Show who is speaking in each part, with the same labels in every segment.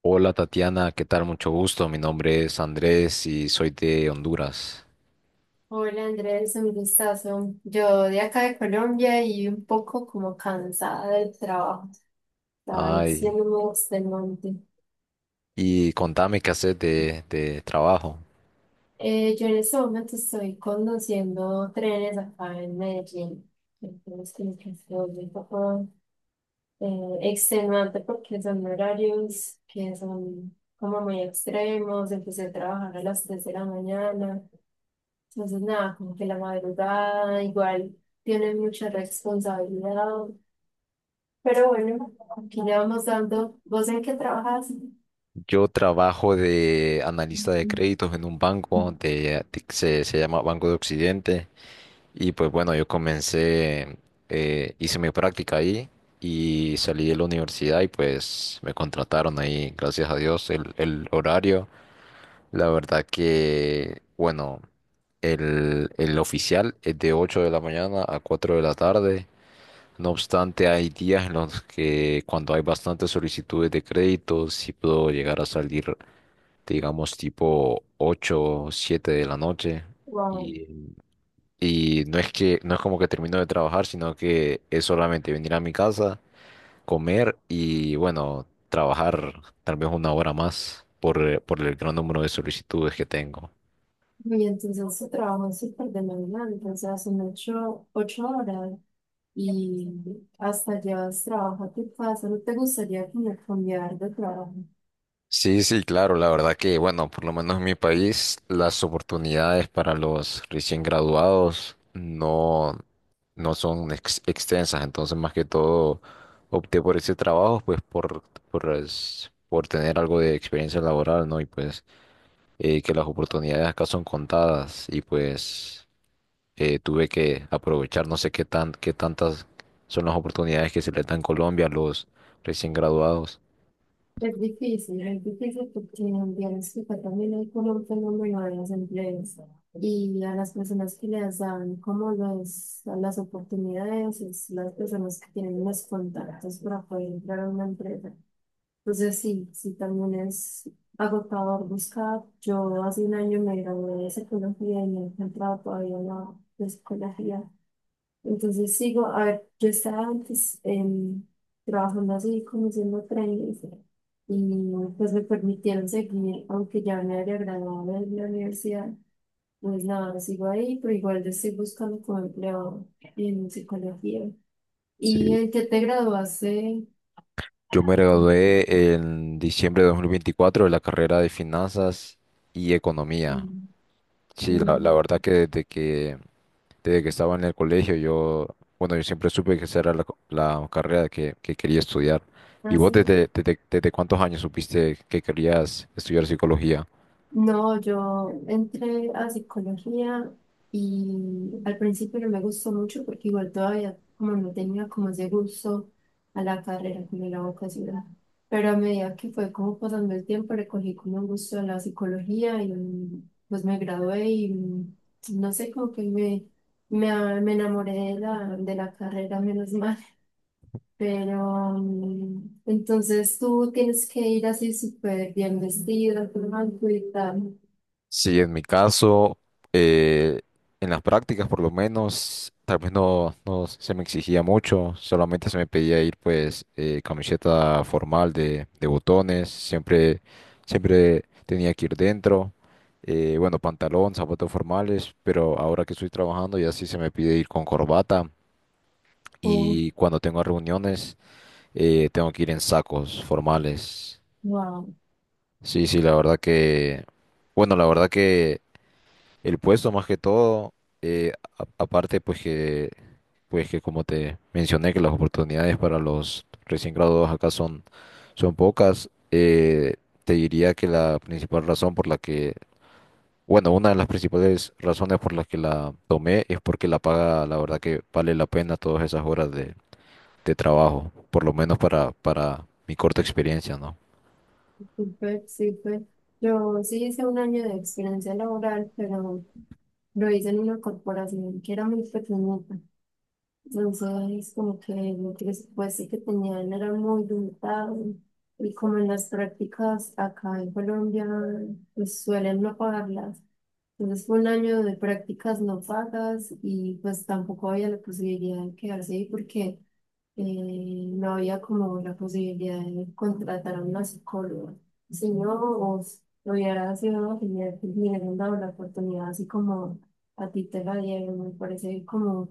Speaker 1: Hola Tatiana, ¿qué tal? Mucho gusto. Mi nombre es Andrés y soy de Honduras.
Speaker 2: Hola Andrés, un gustazo. Yo de acá de Colombia y un poco como cansada del trabajo, está
Speaker 1: Ay,
Speaker 2: siendo muy extenuante.
Speaker 1: y contame qué haces de trabajo.
Speaker 2: Yo en este momento estoy conduciendo trenes acá en Medellín, entonces como que se vuelve un poco extenuante porque son horarios que son como muy extremos, empecé a trabajar a las 3 de la mañana, entonces nada, como que la madrugada igual tiene mucha responsabilidad. Pero bueno, aquí le vamos dando. ¿Vos en qué trabajas?
Speaker 1: Yo trabajo de analista de créditos en un banco se llama Banco de Occidente. Y pues bueno, yo comencé, hice mi práctica ahí y salí de la universidad y pues me contrataron ahí, gracias a Dios, el horario. La verdad que, bueno, el oficial es de 8 de la mañana a 4 de la tarde. No obstante, hay días en los que cuando hay bastantes solicitudes de crédito, sí puedo llegar a salir, digamos, tipo 8 o 7 de la noche.
Speaker 2: Wow.
Speaker 1: Y, y no es que, no es como que termino de trabajar, sino que es solamente venir a mi casa, comer y, bueno, trabajar tal vez una hora más por el gran número de solicitudes que tengo.
Speaker 2: Y entonces su trabajo es súper demandante, o sea, son ocho horas y hasta llevas trabajo a tu casa. ¿No te gustaría como cambiar de trabajo?
Speaker 1: Sí, sí, claro, la verdad que, bueno, por lo menos en mi país, las oportunidades para los recién graduados no, no son extensas, entonces más que todo opté por ese trabajo, pues por, por tener algo de experiencia laboral, ¿no? Y pues que las oportunidades acá son contadas y pues tuve que aprovechar, no sé qué tan, qué tantas son las oportunidades que se les da en Colombia a los recién graduados.
Speaker 2: Es difícil porque en Bielorrusia también hay como un fenómeno de las empresas y a las personas que les dan como los, las oportunidades es las personas que tienen los contactos para poder entrar a una empresa. Entonces sí, sí, también es agotador buscar. Yo hace un año me gradué de psicología y no he encontrado todavía nada de psicología. Entonces sigo, a ver, yo estaba antes trabajando así, como siendo trainee, y pues me permitieron seguir, aunque ya me había graduado de la universidad. Pues nada, sigo ahí, pero igual yo estoy buscando como empleo en psicología. ¿Y
Speaker 1: Sí.
Speaker 2: en qué te graduaste?
Speaker 1: Yo me gradué en diciembre de 2024 de la carrera de finanzas y economía.
Speaker 2: Mm,
Speaker 1: Sí, la verdad
Speaker 2: mm,
Speaker 1: que desde que estaba en el colegio, yo, bueno, yo siempre supe que esa era la, la carrera que quería estudiar. ¿Y vos
Speaker 2: ¿hace?
Speaker 1: desde cuántos años supiste que querías estudiar psicología?
Speaker 2: No, yo entré a psicología y al principio no me gustó mucho porque igual todavía como no tenía como ese gusto a la carrera, como a la vocación. Pero a medida que fue como pasando el tiempo, le cogí como un gusto a la psicología y pues me gradué y no sé, como que me enamoré de la carrera, menos mal. Pero entonces tú tienes que ir así súper bien vestida, con algo y tal.
Speaker 1: Sí, en mi caso, eh, en las prácticas por lo menos, tal vez no, no se me exigía mucho, solamente se me pedía ir pues camiseta formal de botones, siempre, siempre tenía que ir dentro, bueno, pantalón, zapatos formales, pero ahora que estoy trabajando ya sí se me pide ir con corbata
Speaker 2: Oh,
Speaker 1: y cuando tengo reuniones tengo que ir en sacos formales.
Speaker 2: wow,
Speaker 1: Sí, sí, la verdad que, bueno, la verdad que el puesto más que todo, eh, aparte pues que como te mencioné que las oportunidades para los recién graduados acá son, son pocas, te diría que la principal razón por la que, bueno, una de las principales razones por las que la tomé es porque la paga, la verdad que vale la pena todas esas horas de trabajo, por lo menos para mi corta experiencia, ¿no?
Speaker 2: súper, súper. Yo sí hice un año de experiencia laboral, pero lo hice en una corporación que era muy pequeñita. Entonces, como que el presupuesto que tenían era muy limitado. Y como en las prácticas acá en Colombia, pues suelen no pagarlas. Entonces, fue un año de prácticas no pagas y pues tampoco había la posibilidad de quedarse ahí porque no había como la posibilidad de contratar a una psicóloga. Si no, vos lo hubiera sido genial que me hubieran dado la oportunidad, así como a ti te la dieron. Me parece como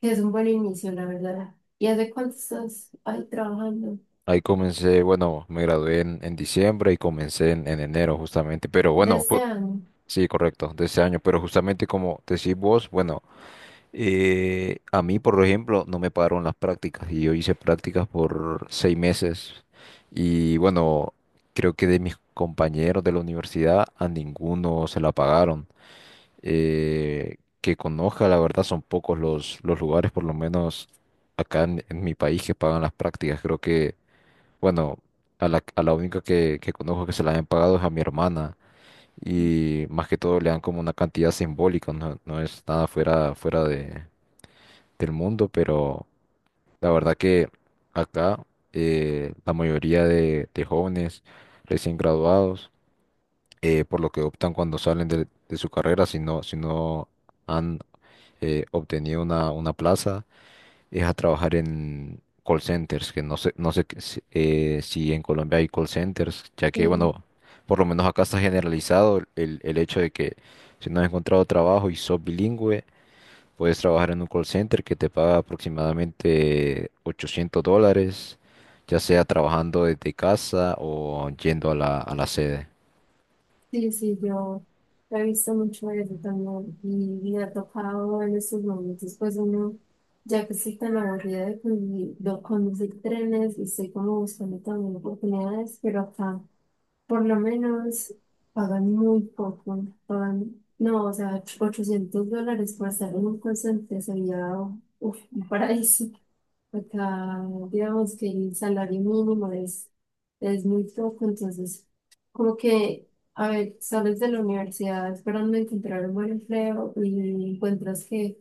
Speaker 2: que es un buen inicio, la verdad. ¿Y hace cuánto estás ahí trabajando?
Speaker 1: Ahí comencé, bueno, me gradué en diciembre y comencé en enero justamente, pero
Speaker 2: De
Speaker 1: bueno,
Speaker 2: este año.
Speaker 1: sí, correcto, de ese año, pero justamente como decís vos, bueno, a mí, por ejemplo, no me pagaron las prácticas y yo hice prácticas por 6 meses y bueno, creo que de mis compañeros de la universidad a ninguno se la pagaron. Que conozca, la verdad, son pocos los lugares, por lo menos acá en mi país, que pagan las prácticas. Creo que, bueno, a la única que conozco que se la han pagado es a mi hermana y más que todo le dan como una cantidad simbólica, no, no es nada fuera, fuera del mundo, pero la verdad que acá la mayoría de jóvenes recién graduados, por lo que optan cuando salen de su carrera, si no, si no han obtenido una plaza, es a trabajar en call centers, que no sé, no sé qué si si en Colombia hay call centers, ya que,
Speaker 2: Sí.
Speaker 1: bueno, por lo menos acá está generalizado el hecho de que si no has encontrado trabajo y sos bilingüe, puedes trabajar en un call center que te paga aproximadamente $800, ya sea trabajando desde casa o yendo a la sede.
Speaker 2: Sí, sí, yo he visto mucho eso también y ha tocado en esos momentos, pues uno, ya que estoy tan aburrida de condu- de conducir trenes y estoy como buscando también oportunidades, pero acá. Por lo menos pagan muy poco, pagan, no, o sea, $800 por estar en un call center sería uf, un paraíso. Acá, digamos que el salario mínimo es muy poco, entonces, como que, a ver, sales de la universidad esperando encontrar un buen empleo y encuentras que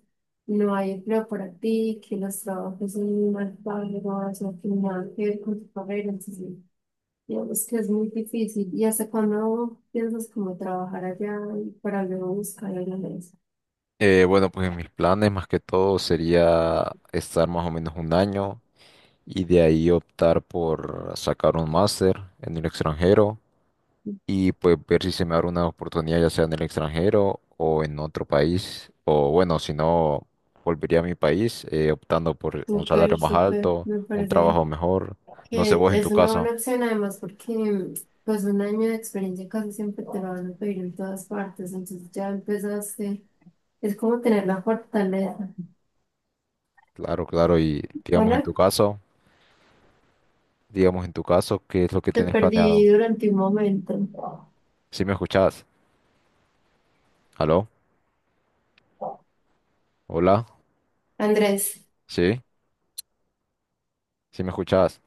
Speaker 2: no hay empleo para ti, que los trabajos son muy mal pagos o que nada que ver con tu carrera, entonces. Digamos que es muy difícil. ¿Y hasta cuándo piensas como trabajar allá y para luego buscar en la mesa?
Speaker 1: Bueno, pues mis planes más que todo sería estar más o menos un año. Y de ahí optar por sacar un máster en el extranjero y pues ver si se me abre una oportunidad ya sea en el extranjero o en otro país o bueno, si no volvería a mi país optando por un salario
Speaker 2: Súper,
Speaker 1: más
Speaker 2: súper.
Speaker 1: alto,
Speaker 2: Me
Speaker 1: un
Speaker 2: parece
Speaker 1: trabajo mejor, no sé
Speaker 2: que
Speaker 1: vos en
Speaker 2: es
Speaker 1: tu
Speaker 2: una
Speaker 1: caso.
Speaker 2: buena opción además porque pues un año de experiencia casi siempre te lo van a pedir en todas partes. Entonces ya empezaste. Es como tener la fortaleza.
Speaker 1: Claro, claro, y digamos en
Speaker 2: Hola,
Speaker 1: tu caso, digamos en tu caso, ¿qué es lo que
Speaker 2: te
Speaker 1: tenés planeado?
Speaker 2: perdí durante un momento.
Speaker 1: ¿Sí me escuchás? ¿Aló? ¿Hola?
Speaker 2: Andrés,
Speaker 1: ¿Sí? ¿Sí me escuchás?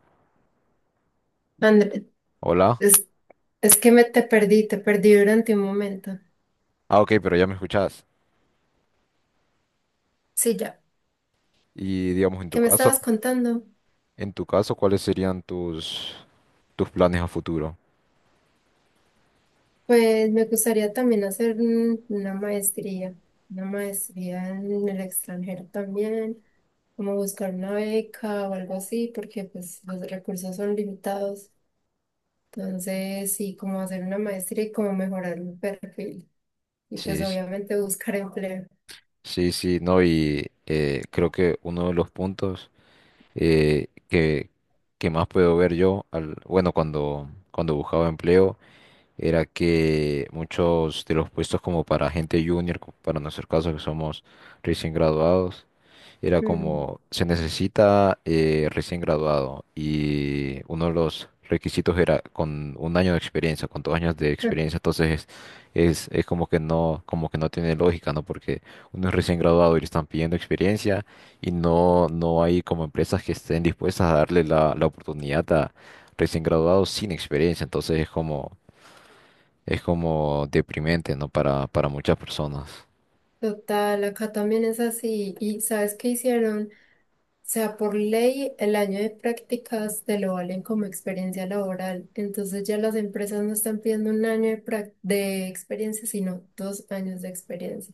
Speaker 2: Andrés,
Speaker 1: ¿Hola?
Speaker 2: es, es que me te perdí durante un momento.
Speaker 1: Ah, ok, pero ya me escuchás.
Speaker 2: Sí, ya.
Speaker 1: Y digamos en tu
Speaker 2: ¿Qué me
Speaker 1: caso,
Speaker 2: estabas contando?
Speaker 1: en tu caso, ¿cuáles serían tus, tus planes a futuro?
Speaker 2: Pues me gustaría también hacer un- una maestría en el extranjero también, como buscar una beca o algo así, porque pues los recursos son limitados. Entonces, sí, como hacer una maestría y como mejorar mi perfil. Y
Speaker 1: Sí,
Speaker 2: pues
Speaker 1: s-
Speaker 2: obviamente buscar empleo.
Speaker 1: sí, sí, no, y creo que uno de los puntos eh, que, que más puedo ver yo, al, bueno, cuando, cuando buscaba empleo, era que muchos de los puestos como para gente junior, para nuestro caso que somos recién graduados, era
Speaker 2: Mm.
Speaker 1: como, se necesita recién graduado y uno de los requisitos era con un año de experiencia, con dos años de experiencia, entonces es, es como que no tiene lógica, ¿no? Porque uno es recién graduado y le están pidiendo experiencia y no, no hay como empresas que estén dispuestas a darle la, la oportunidad a recién graduados sin experiencia, entonces es como deprimente, ¿no? Para muchas personas.
Speaker 2: Total, acá también es así. ¿Y sabes qué hicieron? O sea, por ley, el año de prácticas te lo valen como experiencia laboral. Entonces ya las empresas no están pidiendo un año de, prac- de experiencia, sino 2 años de experiencia.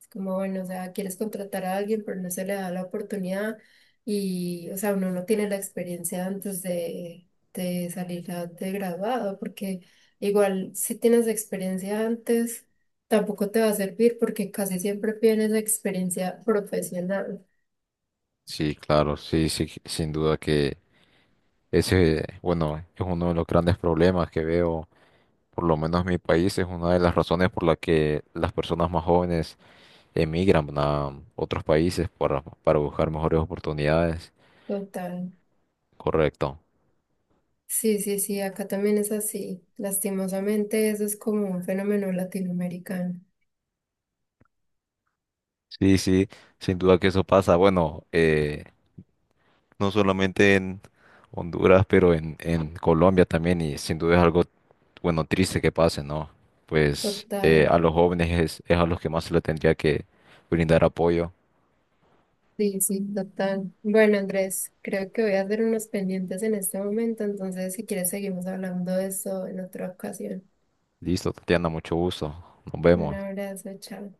Speaker 2: Es como, bueno, o sea, quieres contratar a alguien, pero no se le da la oportunidad y, o sea, uno no tiene la experiencia antes de salir a- de graduado, porque igual si tienes experiencia antes, tampoco te va a servir porque casi siempre tienes experiencia profesional.
Speaker 1: Sí, claro, sí, sí, sin duda que ese, bueno, es uno de los grandes problemas que veo, por lo menos en mi país, es una de las razones por la que las personas más jóvenes emigran a otros países para buscar mejores oportunidades.
Speaker 2: Total.
Speaker 1: Correcto.
Speaker 2: Sí, sí, sí, acá también es así. Lastimosamente, eso es como un fenómeno latinoamericano.
Speaker 1: Sí, sí, sin duda que eso pasa. Bueno, no solamente en Honduras, pero en Colombia también, y sin duda es algo, bueno, triste que pase, ¿no? Pues
Speaker 2: Total.
Speaker 1: a los jóvenes es a los que más se le tendría que brindar apoyo.
Speaker 2: Sí, sí, total. Bueno, Andrés, creo que voy a hacer unos pendientes en este momento, entonces si quieres seguimos hablando de eso en otra ocasión.
Speaker 1: Listo, Tatiana, mucho gusto. Nos
Speaker 2: Un
Speaker 1: vemos.
Speaker 2: abrazo, chao.